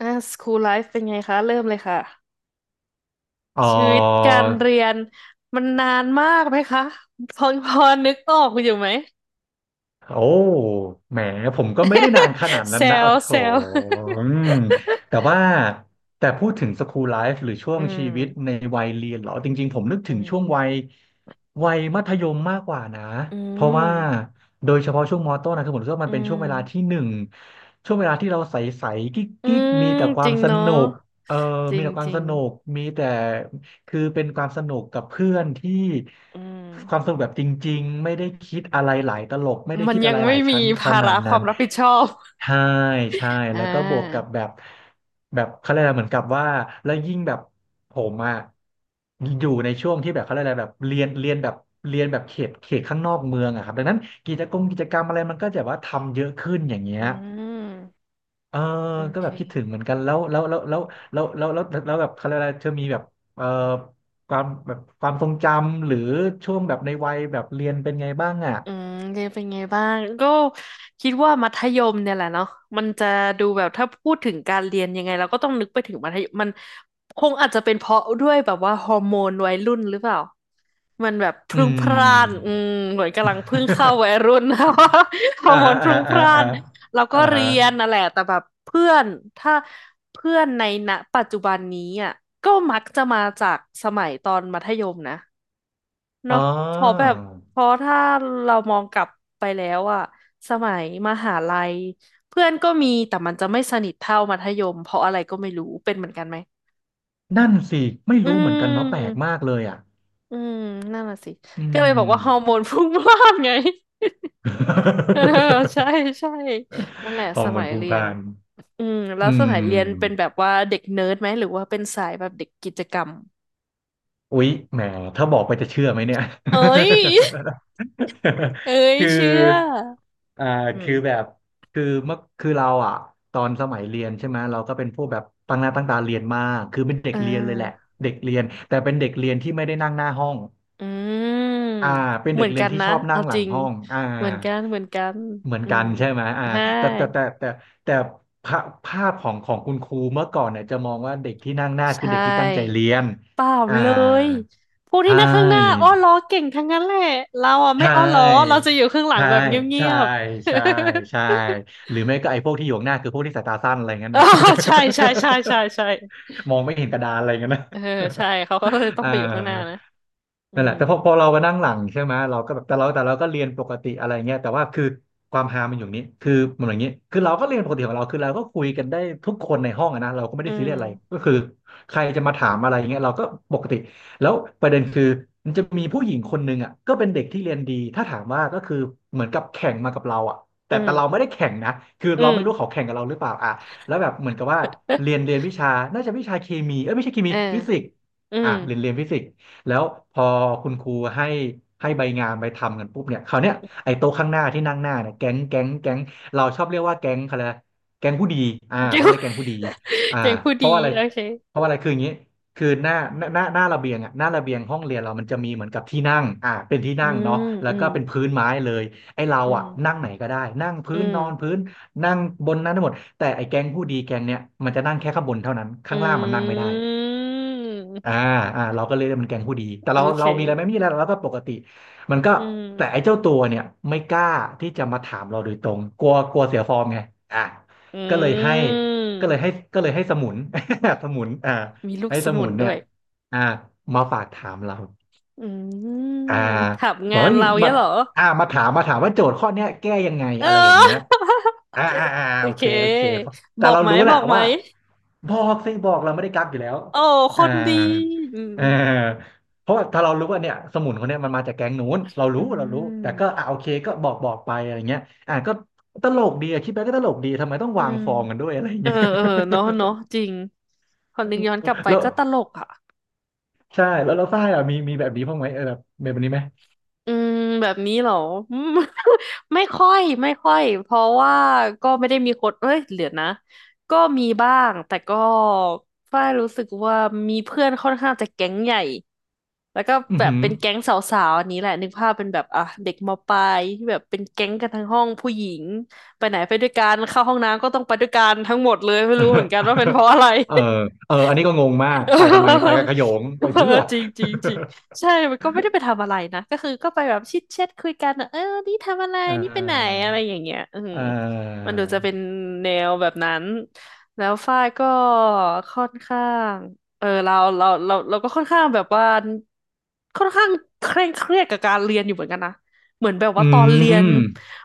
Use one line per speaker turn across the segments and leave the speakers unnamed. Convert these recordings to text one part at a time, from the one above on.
อ่าสคูลไลฟ์เป็นไงคะเริ่มเลยค่ะ
เอ
ชีวิตกา
อ
รเรียนมันนานมากไหมคะพอนึกออกอยู่ไหม
โอ้แหมผมก็ไม่ได้นานขนาด นั้
แซ
นนะอ๋
ว
อโถ
แซว
อืมแต่ว่าแต่พูดถึงสคูลไลฟ์หรือช่ว
อื
งชีวิตใน
ม
วัยเรียนเหรอจริงๆผมนึก
อื
ถึง
ม
ช่วงวัยวัยมัธยมมากกว่านะ
อื
เพราะ
ม
ว่าโดยเฉพาะช่วงมต้นนะคือผมรู้สึกว่า
อื
มันเป็นช่ว
ม
งเวลาที่หนึ่งช่วงเวลาที่เราใสๆกิ
อื
๊กๆมี
ม
แต่ค
จ
วา
ริ
ม
ง
ส
เนาะ
นุกเออ
จริ
มี
ง
แต่ค
จ
วาม
ริ
ส
ง
นุกมีแต่ คือเป็นความสนุกกับเพื่อนที่
อืม
ความสนุกแบบจริงๆไม่ได้คิดอะไรหลายตลกไม่ได้
มัน
คิด
ยั
อะ
ง
ไรห
ไม่
ลาย
มี
ชั้นข
ภา
นา
ระ
ด
ค
นั้
วา
น
มรับผิดชอบ
ใช่ใช่
อ่
แล้วก็บวกกับ
า
แบบแบบเขาเรียกอะไรเหมือนกับว่าแล้วยิ่งแบบผมอะอยู่ในช่วงที่แบบเขาเรียกอะไรแบบเรียนเรียนแบบเรียนแบบเขตเขตข้างนอกเมืองอะครับดังนั้นกิจกรรมกิจกรรมอะไรมันก็จะว่าทำเยอะขึ้นอย่างเงี้
อื
ย
ม
เออ
โอ
ก็
เค
แบบคิดถึงเหมือนกันแล้วแล้วแล้วแล้วแล้วแล้วแล้วแล้วแล้วแบบเขาเรียกอะไรเธอมีแบบเออความแบบความทรงจำหรือช่วงแบบในวัยแบบเรียนเป็นไงบ้างอ่ะ
อืมเรียนเป็นไงบ้างก็คิดว่ามัธยมเนี่ยแหละเนาะมันจะดูแบบถ้าพูดถึงการเรียนยังไงเราก็ต้องนึกไปถึงมัธยมมันคงอาจจะเป็นเพราะด้วยแบบว่าฮอร์โมนวัยรุ่นหรือเปล่ามันแบบพ
อื
รุ่งพล่านอื
ม
มเหมือนกำลังเพิ่งเข้าวัย รุ่น นะว่าฮอ
อ่า
ร์โม
ฮะ
นพ
อ่า
รุ่
ฮะ
งพ
อ่า
ล่าน
ฮะ
เราก็
อ่า
เรี
ฮะ
ยนน่ะแหละแต่แบบเพื่อนถ้าเพื่อนในณปัจจุบันนี้อ่ะก็มักจะมาจากสมัยตอนมัธยมนะ
อ๋อ
เนาะพอแบบพอถ้าเรามองกลับไปแล้วอะสมัยมหาลัยเพื่อนก็มีแต่มันจะไม่สนิทเท่ามัธยมเพราะอะไรก็ไม่รู้เป็นเหมือนกันไหม
นั่นสิไม่
อื
รู้เหมือนกันเนาะแปลก
ม
มากเลยอ่ะ
อืมนั่นน่ะสิ
อื
ก็เลย
ม
บอกว่าฮอร์โมนพรุ่งพล่านไง เออใช่ ใช่นั่นแหละ
ฮอ
ส
ร์โม
มั
น
ย
พุ่ง
เรี
พ
ย
ล่า
น
น
อืมแล้
อื
วสมัยเรียนเป็น
ม
แบบว่าเด็กเนิร์ดไหมหรือว่าเป็นสายแบบเด็กกิจกรรม
อุ๊ยแหมถ้าบอกไปจะเชื่อไหมเนี่ย
เอ้ย เอ้ ย
คือ
เชื่อ
อ่า
อื
คือแบ
ม
บคือเมื่อคือเราอ่ะตอนสมัยเรียนใช่ไหมเราก็เป็นพวกแบบตั้งหน้าตั้งตาเรียนมากคือเป็นเด็ก
อ่
เรียนเลยแหละ
า
เด็กเรียนแต่เป็นเด็กเรียนที่ไม่ได้นั่งหน้าห้อง
อื
อ่า
ม
เป็น
เห
เด็
มื
ก
อน
เรี
กั
ยน
น
ที่
นะ
ชอบนั่
เอา
งหลั
จ
ง
ริง
ห้องอ่า
เหมือนกันเหมือนกัน
เหมือน
อื
กั
ม
นใช่ไหมอ่า
ใช่
แต่แต่แต่แต่แต่ภาภาพของของคุณครูเมื่อก่อนเนี่ยจะมองว่าเด็กที่นั่งหน้า
ใช
คือเด็กที่ตั้งใจ
่
เรียน
เปล่า
อ่า
เลยพวกที่
ใช่
นั่งข้างหน้าอ้อล้อเก่งทั้งนั้นแหละเราอ่ะ
ใช
ไม่อ้อล้อเรา
่
จะอยู่ข้างหลัง
ใช่
แบบเงี
ใช่
ยบ
ใช่ ใช่หรือไม่ก็ไอ้พวกที่อยู่ข้างหน้าคือพวกที่สายตาสั้นอะไรเงี้ย
ๆ อ๋อ
นะ
ใช่ใช่ใช่ ใช่ใช่
มองไม่เห็นกระดานอะไรเงี้ยนะ
เออใช่เขาก็เลย ต้อง
อ่า
ไปอยู่ข้างหน้านะ อื
นั่นแห
ม
ละแต่พอพอเรามานั่งหลังใช่ไหมเราก็แบบแต่เราแต่เราก็เรียนปกติอะไรเงี้ยแต่ว่าคือความฮามันอยู่นี้คือมันอย่างนี้คือเราก็เรียนปกติของเราคือเราก็คุยกันได้ทุกคนในห้องอะนะเราก็ไม่
อื
ได้ซีเรียสอะไรก็
ม
คือใครจะมาถามอะไรเงี้ยเราก็ปกติ แล้วประเด็นคือมันจะมีผู้หญิงคนหนึ่งอ่ะก็เป็นเด็กที่เรียนดีถ้าถามว่าก็คือเหมือนกับแข่งมากับเราอ่ะ
อื
แต่เราไม่
ม
ได้แข่งนะคือ
อื
เราไม่รู้
ม
เขาแข่งกับเราหรือเปล่าอ่ะแล้วแบบเหมือนกับว่าเรีย
เ
นเรียนวิชาน่าจะวิชาเคมีเอ้ยไม่ใช่เค
อ
มี
อ
ฟิสิกส์
อื
อ่ะ
ม
เรียนเรียนฟิสิกส์แล้วพอคุณครูให้ให้ใบงานไปทำกันปุ๊บเนี่ยคราวเนี้ยไอ้โต๊ะข้างหน้าที่นั่งหน้าเนี่ยแก๊งแก๊งแก๊งเราชอบเรียกว่าแก๊งอะไรนะแก๊งผู้ดีอ่า
เก่ง
เขาเรียกแก๊งผู้ดีอ่า
เก่งผู้
เพ
ดี
ราะว่าอะไร
โอเค
เพราะว่าอะไรคืออย่างนี้ คือหน้าหน้าหน้าหน้าระเบียงอ่ะหน้าระเบียงห้องเรียนเรามันจะมีเหมือนกับที่นั่งอ่าเป็นที่
อื
นั่ง
ม
เนาะแล้
อื
ว
ม
ก็เป็นพื้นไม้เลยไอ้เรา
อืม
อ่ะนั่งไหนก็ได้นั่ง
อื
พื้นนอน
ม
พื้นนั่งบนนั้นทั้งหมดแต่ไอ้แก๊งผู้ดีแก๊งเนี้ยมันจะนั่งแค่ข้างบนเท่านั้น
อื
ข้างล่างมันนั่งไม่ได้ อ่า
ม
อ่าเราก็เลยเรียกมันแกงผู้ดีแต่
โอ
เรา
เค
เรามีอะไรไหมไมมีอะไรเราก็ปกติมันก็
อื
แต่
ม
ไอ้เจ้าตัวเนี่ยไม่กล้าที่จะมาถามเราโดยตรงกลัวกลัวเสียฟอร์มไงอ่า
อื
ก็เลยให้ก็เลย
ม
ให้ก็เลยให้สมุน สมุนอ่า
มีลูก
ให้
ส
ส
มุ
มุ
น
น
ด้
เนี่ย
วย
อ่ามาฝากถามเรา
อืม
อ่า
ถับ
บอก
งาน
ว่า
เรา
มา
เงี้ยเหรอ
อ่ามาถามว่าโจทย์ข้อเนี้ยแก้ยังไง
เอ
อะไรอย่างเงี้ย
อ
อ่าอ่าอ่า
โอ
โอ
เค
เคโอเคแต่
บอก
เรา
ไหม
รู้แห
บ
ละ
อกไหม
ว่าบอกสิบอกเราไม่ได้กักอยู่แล้ว
โอ้ค
อ่า
นดีอืม
เออเพราะว่าถ้าเรารู้ว่าเนี่ยสมุนคนเนี้ยมันมาจากแก๊งนู้นเรา
อื
รู้เรารู้แต่ก็
ม
อ่าโอเคก็บอกบอกไปอะไรเงี้ยอ่าก็ตลกดีอะคิดไปก็ตลกดีทำไมต้อง
อื
วาง
ม
ฟองกันด้วยอะไร
เออ
เงี้ย
เออเนาะ เนาะจริงพอ
เออ
นึกย้อนกลับไป
แล้ว
ก็ตลกอ่ะ
ใช่แล้วเราฝ้ายอะมีมีแบบนี้บ้างไหมเออแบบแบบนี้ไหม
อืมแบบนี้เหรออืม ไม่ค่อยเพราะว่าก็ไม่ได้มีคนเอ้ยเหลือนะก็มีบ้างแต่ก็ฝ้ายรู้สึกว่ามีเพื่อนค่อนข้างจะแก๊งใหญ่ แล้วก็
อือ
แบบ
หือ
เป็นแก๊งสาวๆอันนี้แหละนึกภาพเป็นแบบอ่ะเด็กมปลายที่แบบเป็นแก๊งกันทั้งห้องผู้หญิง ไปไหนไปด้วยกันเข้าห้องน้ำก็ต้องไปด้วยกันทั้งหมดเลยไม่รู้เหมือนกันว่าเป็นเพราะ อะไร
เออเอออันนี้ก็งงมากไปทำไมไป กับขโยง
เอ
ไป
อ
เพื่อ
จริงจริงจริง ใช่ มันก็ไม่ได้ไปทำอะไรนะก็คือก็ไปแบบชิดแชทคุยกันอะเออนี่ทำอะไร
อ่า
นี่ไปไหนอะไรอย่างเงี้ยอืม
อ่า
มันดูจะเป็นแนวแบบนั้นแล้วฝ้ายก็ค่อนข้างเออเราก็ค่อนข้างแบบว่าค่อนข้างเคร่งเครียดกับการเรียนอยู่เหมือนกันนะเหมือนแบบว่า
อื
ตอนเรียน
ม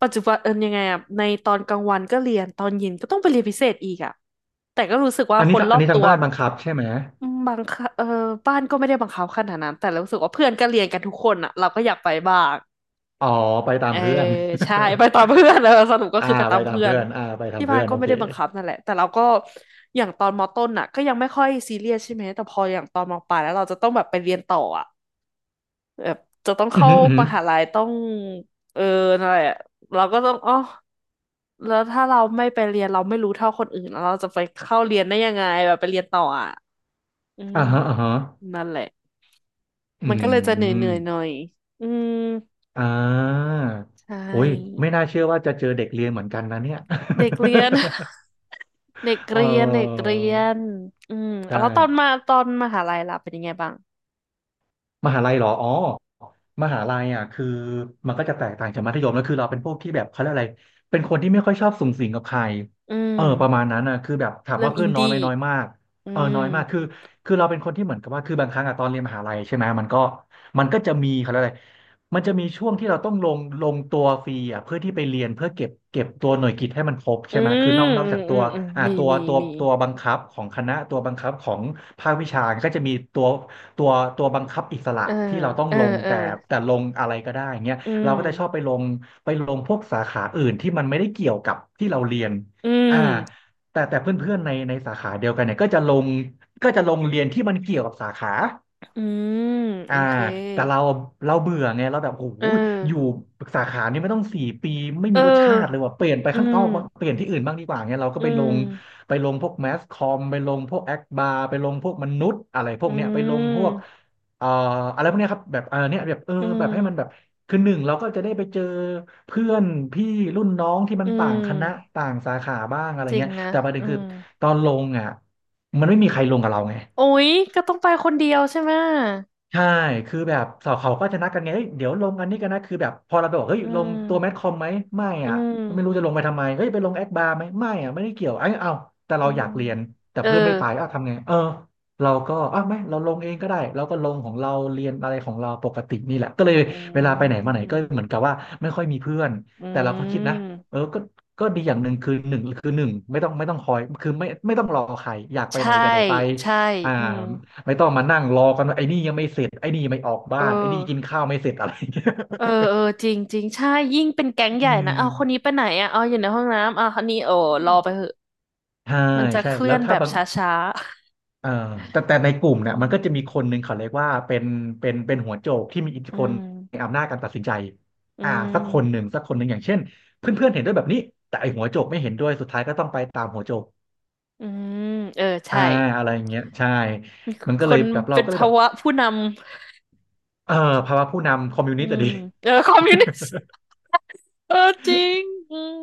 ปัจจุบันเออยังไงอะในตอนกลางวันก็เรียนตอนเย็นก็ต้องไปเรียนพิเศษอีกอะแต่ก็รู้สึกว่า
อัน
ค
นี้
น
ทาง
รอบตัว
บ้านบังคับใช่ไหม
อืมบางคเออบ้านก็ไม่ได้บังคับขนาดนั้นแต่เรารู้สึกว่าเพื่อนก็เรียนกันทุกคนอ่ะเราก็อยากไปบ้าง
อ๋อไปตา
เอ
ม
อ
เพื่อน
ใช่ไปตามเพื่อนเออ สรุปก็
อ่า
คือไปตา
ไป
ม
ตาม
เพื่อน
เพื่อนอ่าไปตา
ที่
ม
บ้า
เพื่
น
อน
ก็
โอ
ไม่
เค
ได้บังคับนั่นแหละแต่เราก็อย่างตอนมต้นอ่ะก็ยังไม่ค่อยซีเรียสใช่ไหมแต่พออย่างตอนมปลายแล้วเราจะต้องแบบไปเรียนต่ออ่ะแบบจะต้อง
อืมอ
เข้า
หืออือหื
ม
อ
หาลัยต้องเอออะไรอ่ะเราก็ต้องอ๋อแล้วถ้าเราไม่ไปเรียนเราไม่รู้เท่าคนอื่นแล้วเราจะไปเข้าเรียนได้ยังไงแบบไปเรียนต่ออ่ะอืม
อ่าฮะ
นั่นแหละ
อื
มันก็เลยจะเหนื่อย
ม
ๆหน่อยอืม
อ่า
ใช
โอ้ย
่
ไม่น่าเชื่อว่าจะเจอเด็กเรียนเหมือนกันนะเนี่ย
เด็กเรียน เด็ก
เอ
เรียนเด็ก
อ
เรียนอืม
ใช่
แล้วตอนมหาลัยล่ะเป็นยังไงบ้าง
มหาลัยเหรออ๋อมหาลัยอ่ะคือมันก็จะแตกต่างจากมัธยมแล้วคือเราเป็นพวกที่แบบเขาเรียกอะไรเป็นคนที่ไม่ค่อยชอบสุงสิงกับใคร
อื
เออ
ม
ประมาณนั้นนะคือแบบถาม
เริ่
ว่า
มอิ
เพื่อ
น
นน้อยไห
ดี้
มน้อยมาก
อื
เออน้
ม
อยมากคือเราเป็นคนที่เหมือนกับว่าคือบางครั้งอะตอนเรียนมหาลัยใช่ไหมมันก็จะมีเขาเรียกอะไรมันจะมีช่วงที่เราต้องลงตัวฟรีอ่ะเพื่อที่ไปเรียนเพื่อเก็บตัวหน่วยกิตให้มันครบ
อื
ใช่ไหมคือนอ
ม
กนอก
อื
จา
ม
ก
อื
ตัว
มอืม
อ่า
มี
ตัว
มี
ตัว
มี
ตัวบังคับของคณะตัวบังคับของภาควิชาก็จะมีตัว ตัวตัวบังคับอิสระ
เออ
ที่เราต้อง
เออ
ลง
เออ
แต่ลงอะไรก็ได้เงี้ย
อื
เราก็จะชอบ
ม
ไปลงไปลงพวกสาขาอื่นที่มันไม่ได้เกี่ยวกับที่เราเรียน
อืม
อ่าแต่เพื่อนๆในในสาขาเดียวกันเนี่ยก็จะลงก็จะลงเรียนที่มันเกี่ยวกับสาขา
อืมโอ
อ่า
เค
แต่เราเบื่อไงเราแบบโอ้โห
เออ
อยู่สาขานี้ไม่ต้องสี่ปีไม่
เอ
มีรสชาติเลย
อ
ว่ะเปลี่ยนไป
อื
ข้างน
ม
อกบ้างเปลี่ยนที่อื่นบ้างดีกว่าเงี้ยเราก็
อื
ไปลง
ม
ไปลงพวกแมสคอมไปลงพวกแอคบาร์ไปลงพวกมนุษย์อะไรพว
อื
กเนี้ยไปลงพวก
ม
เอ่ออะไรพวกเนี้ยครับแบบเออเนี่ยแบบเออ
อื
แบบให้มันแบบ
ม
คือหนึ่งเราก็จะได้ไปเจอเพื่อนพี่รุ่นน้องที่มั
อื
นต่างคณะ
ม
ต่างสาขาบ้างอะไร
จริง
เงี้ย
นะ
แต่ประเด็น
อื
คือ
ม
ตอนลงอ่ะมันไม่มีใครลงกับเราไง
โอ้ยก็ต้องไปคนเดียวใช่ไหม
ใช่คือแบบสาวเขาก็จะนัดกันไงเฮ้ยเดี๋ยวลงอันนี้กันนะคือแบบพอเราไปบอกเฮ้ย
อื
ลงตัวแมท
ม
คอมไหมไม่
อื
อ่ะไม่รู้
ม
จะลงไปทำไมเฮ้ยไปลงแอดบาร์ไหมไม่อ่ะไม่ได้เกี่ยวไอ้ยเอาแต่
อื
เราอ
ม
ยากเรียนแต่
เออ
เพื่อนไม่ไปอ้าวทำไงเออเราก็อ้าวไม่เราลงเองก็ได้เราก็ลงของเราเรียนอะไรของเราปกตินี่แหละก็เลย
อื
เวลาไปไหนมาไหนก็เหมือ
ม
นกับว่าไม่ค่อยมีเพื่อน
อื
แต่เราก็คิดนะ
ม
เออก็ดีอย่างหนึ่งคือหนึ่งคือหนึ่งไม่ต้องคอยคือไม่ต้องรอใครอยากไปไหน
ใช่
ก็ได้ไป
ใช่
อ่า
อืม
ไม่ต้องมานั่งรอกันว่าไอ้นี่ยังไม่เสร็จไอ้นี่ไม่ออก
เอ
บ้า
อ
นไอ้นี่กินข้าวไม่เสร็จอะไรอย่างเงี้ย
เออเออจริงจริงใช่ยิ่งเป็นแก๊งให
อื
ญ่นะเอาวคน
ม
นี้ไปไหนอ่ะเอาอยู่ในห้องน้ำอ่ะคนนี้โอ้รอไปเหอะ
ใช่
มันจะ
ใช่
เคลื่
แล้
อ
ว
นแบ
ถ้า
บ
บาง
ช้า
เอ่อแต่ในกลุ่ม
ๆ
เนี่
อื
ยมั
ม
นก็จะมีคนหนึ่งเขาเรียกว่าเป็นเป็นหัวโจกที่มีอิทธิ
อื
พลใน
ม
อำนาจการตัดสินใจ
อื
อ่าสักคนหนึ่
ม
งสักคนหนึ่งอย่างเช่นเพื่อนเพื่อนเห็นด้วยแบบนี้แต่ไอหัวโจกไม่เห็นด้วยสุดท้ายก็ต้องไปตามหัวโจก
อืมเออ
อ่า
ใช่
อะไรอย่างเงี้ยใช่มัน
ค
ก็เลย
น
แบบเรา
เป็น
ก็เลย
ภา
แบบ
วะผู้น
เออภาวะผู้นำคอมมิว
ำอื
นิสต์อะ
ม
ดี
เออคอมมิวนิสต์เออจริงอืม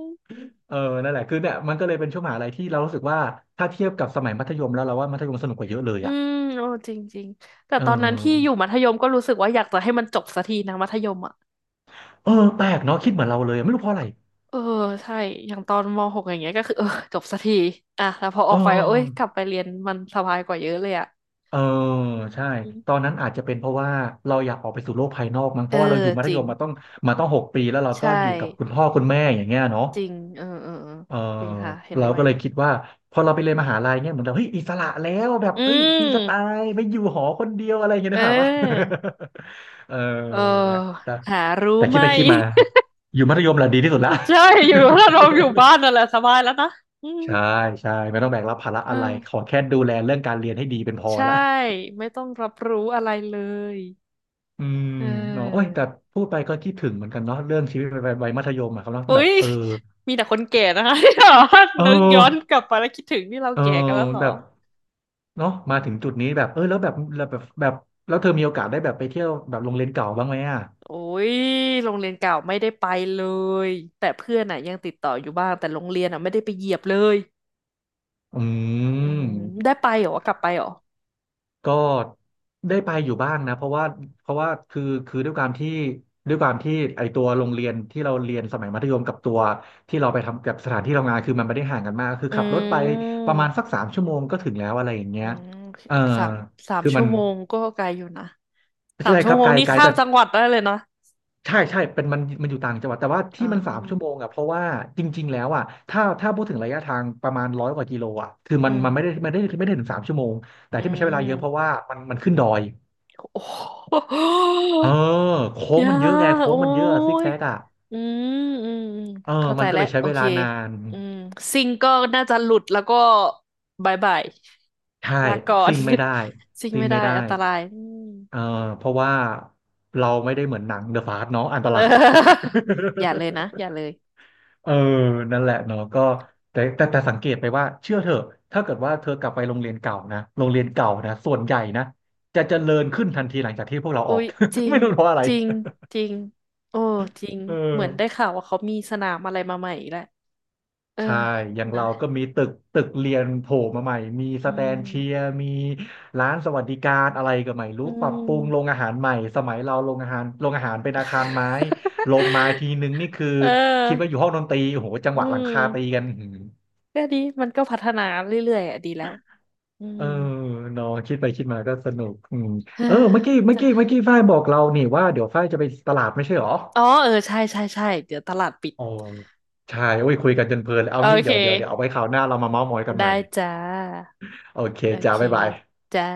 เออนั่นแหละคือเนี่ยมันก็เลยเป็นช่วงมหาลัยที่เรารู้สึกว่าถ้าเทียบกับสมัยมัธยมแล้วเราว่ามัธยมสนุกกว่าเยอะเลย
อื
อ่ะ
มโอ้จริงๆแต่
เอ
ตอนนั้นที่อยู่
อ
มัธยมก็รู้สึกว่าอยากจะให้มันจบสักทีนะมัธยมอ่ะ
เออแปลกเนาะคิดเหมือนเราเลยไม่รู้เพราะอะไร
เออใช่ อย่างตอนมหกอย่างเงี้ยก็คือเออจบสักทีอ่ะแล้วพออ
เอ
อกไปก็เอ้ยก
อ
ลับไปเรียนมันสบายกว่าเยอะเลยอ่ะ
เออใช่
อื
ตอน
ม
นั้นอาจจะเป็นเพราะว่าเราอยากออกไปสู่โลกภายนอกมั้งเพ
เอ
ราะว่าเรา
อ
อยู่มั
จ
ธ
ริ
ย
ง
มมาต้องมาต้องหกปีแล้วเรา
ใช่
ก็อยู่กับคุณพ่อคุณแม่อย่างเงี้ยเนาะ
จริงเออเออเออ
เออ
จริงค่ะเห็น
เรา
ด้วย
ก็เลยคิดว่าพอเราไปเรียนมหาลัยเงี้ยเหมือนเราเฮ้ยอิสระแล้วแบบ
อื
เฮ้ยฟรีสไต
ม
ล์ไม่อยู่หอคนเดียวอะไรอย่างเงี้ย
เ
นะครับว่า
ออ
เออ
เออ
นะ
หารู้
แต่คิ
ไหม
ดไปคิดมา อยู่มัธยมแหละดีที่สุดละ
ใช่ อยู่ถ้าเราอยู่บ้านนั่นแหละสบายแล้วนะอื
ใช่
ม
ใช่ไม่ต้องแบกรับภาระ
อ
อะไรขอ
่า
แค่ดูแลเรื่องการเรียนให้ดีเป็นพอ
ใช่
ละ
ไม่ต้องรับรู้อะไรเลย
อืม
เอ
เนาะโอ้ย
อ
แต่พูดไปก็คิดถึงเหมือนกันเนาะเรื่องชีวิตวัยมัธยมอะครับเนาะ
อุ๊
แบบ
ย
เออ
มีแต่คนแก่นะคะ ที่แบบว่า
เอ
นึกย้อนก
อ
ลับไปแล้วคิดถึงที่เรา
เออ
แก่กันแล้วเหรอ
แบบเนาะมาถึงจุดนี้แบบเออแล้วแบบแล้วเธอมีโอกาสได้แบบไปเที่ยวแบบโรงเรียนเก่าบ้างไหมอ่ะ
โอ้ยโรงเรียนเก่าไม่ได้ไปเลยแต่เพื่อนอ่ะยังติดต่ออยู่บ้างแต่โรงเรียนอ่ะไม่ได้ไปเหยียบเลย
อื
อืมได้
ม
ไปเหรอกลับไปเหรอ
ก็ได้ไปอยู่บ้างนะเพราะว่าเพราะว่าคือคือด้วยความที่ด้วยความที่ไอตัวโรงเรียนที่เราเรียนสมัยมัธยมกับตัวที่เราไปทำกับสถานที่ทำงานคือมันไม่ได้ห่างกันมากคือ
อื
ขับรถไปประมาณ
ม
สักสามชั่วโมงก็ถึงแล้วอะไรอย่างเงี้
อื
ย
ม
เออ
สามสาม
คือมั
ชั่
น
วโมงก็ไกลอยู่นะสาม
ใช่ค
ชั่ว
รับ
โม
ไก
ง
ล
นี่
ไกล
ข้า
แต่
มจังหวัดได้เลยนะ
ใช่ใช่เป็นมันอยู่ต่างจังหวัดแต่ว่า
อ่
ที่มันสามชั่วโม
า
งอ่ะเพราะว่าจริงๆแล้วอ่ะถ้าพูดถึงระยะทางประมาณร้อยกว่ากิโลอ่ะคือ
อื
มัน
ม
ไม่ได้ถึงสามชั่วโมงแต่
อื
ที่มันใช้เวลาเยอะเพราะ
ม
ว่ามันขึ้นดอย
โอ้โห
เออโค้ง
ยา
มันเยอะไง
ก
โค้ง
โอ้
มันเยอะซิก
ย
แซกอ่ะ
อืมอืมอืม
เออ
เข้าใจ
มันก็
แล้
เล
ว
ยใช้
โอ
เว
เค
ลานาน
อืมซิงก็น่าจะหลุดแล้วก็บายบาย
ใช่
ลาก่อน
ซิ่งไม่ได้
ซิง
ซิ่ง
ไม่ได้
ไม่ได้
อันตรายอืม
เออเพราะว่าเราไม่ได้เหมือนหนังเดอะฟาสเนาะอันต
เออ
ราย
อย่าเลยนะอย่าเลย
เออนั่นแหละเนาะก็แต่สังเกตไปว่าเชื่อเถอะถ้าเกิดว่าเธอกลับไปโรงเรียนเก่านะโรงเรียนเก่านะส่วนใหญ่นะจะเจริญขึ้นทันทีหลังจากที่พวกเรา
อุ๊
ออก
ยจริ ง
ไม่รู้เพราะอะไร
จริงจริงโอ้จริง
เออ
เหมือนได้ข่าวว่าเขามีสนามอะไรมาใหม่อีกแล้วเออ
ใช่อย่าง
นะ
เราก็มีตึกเรียนโผล่มาใหม่มี
อื
สแตนเชีย
ม
ร์มีร้านสวัสดิการอะไรก็ไม่รู้
อื
ปรับปรุงโรง
ม
อาหารใหม่ สมัยเราโรงอาหารเป็นอาคารไม้ลมมาทีนึงนี่คือ
เ
คิดว่าอ
ออ
ยู่ห้องดนตรีโอ้โหจัง
อื
หวะหลังคาตี
ม
กันอื้อหือ
ก็ดี มันก็พัฒนาเรื่อยๆอ่ะดีแล้วอื
เอ
ม
อเนอะคิดไปคิดมาก็สนุกอืม
อ่า
เออเมื่อกี้เมื่อกี้เมื่อ
จ้ะ
กี้ฝ้ายบอกเรานี่ว่าเดี๋ยวฝ้ายจะไปตลาดไม่ใช่เหรอ
อ๋อ เออ ใช่ใช่ใช่เดี๋ยวตลาดปิด
อ๋อใช่โอ้ยคุยกันจนเพลินเลยเอา
โอ
งี้
เค
เดี๋ยวเอาไว้คราวหน้าเรามาเม้าท์มอยกันใหม่
ได้จ้า
โอเค
โอ
จ้า
เค
บ๊ายบาย
จ้า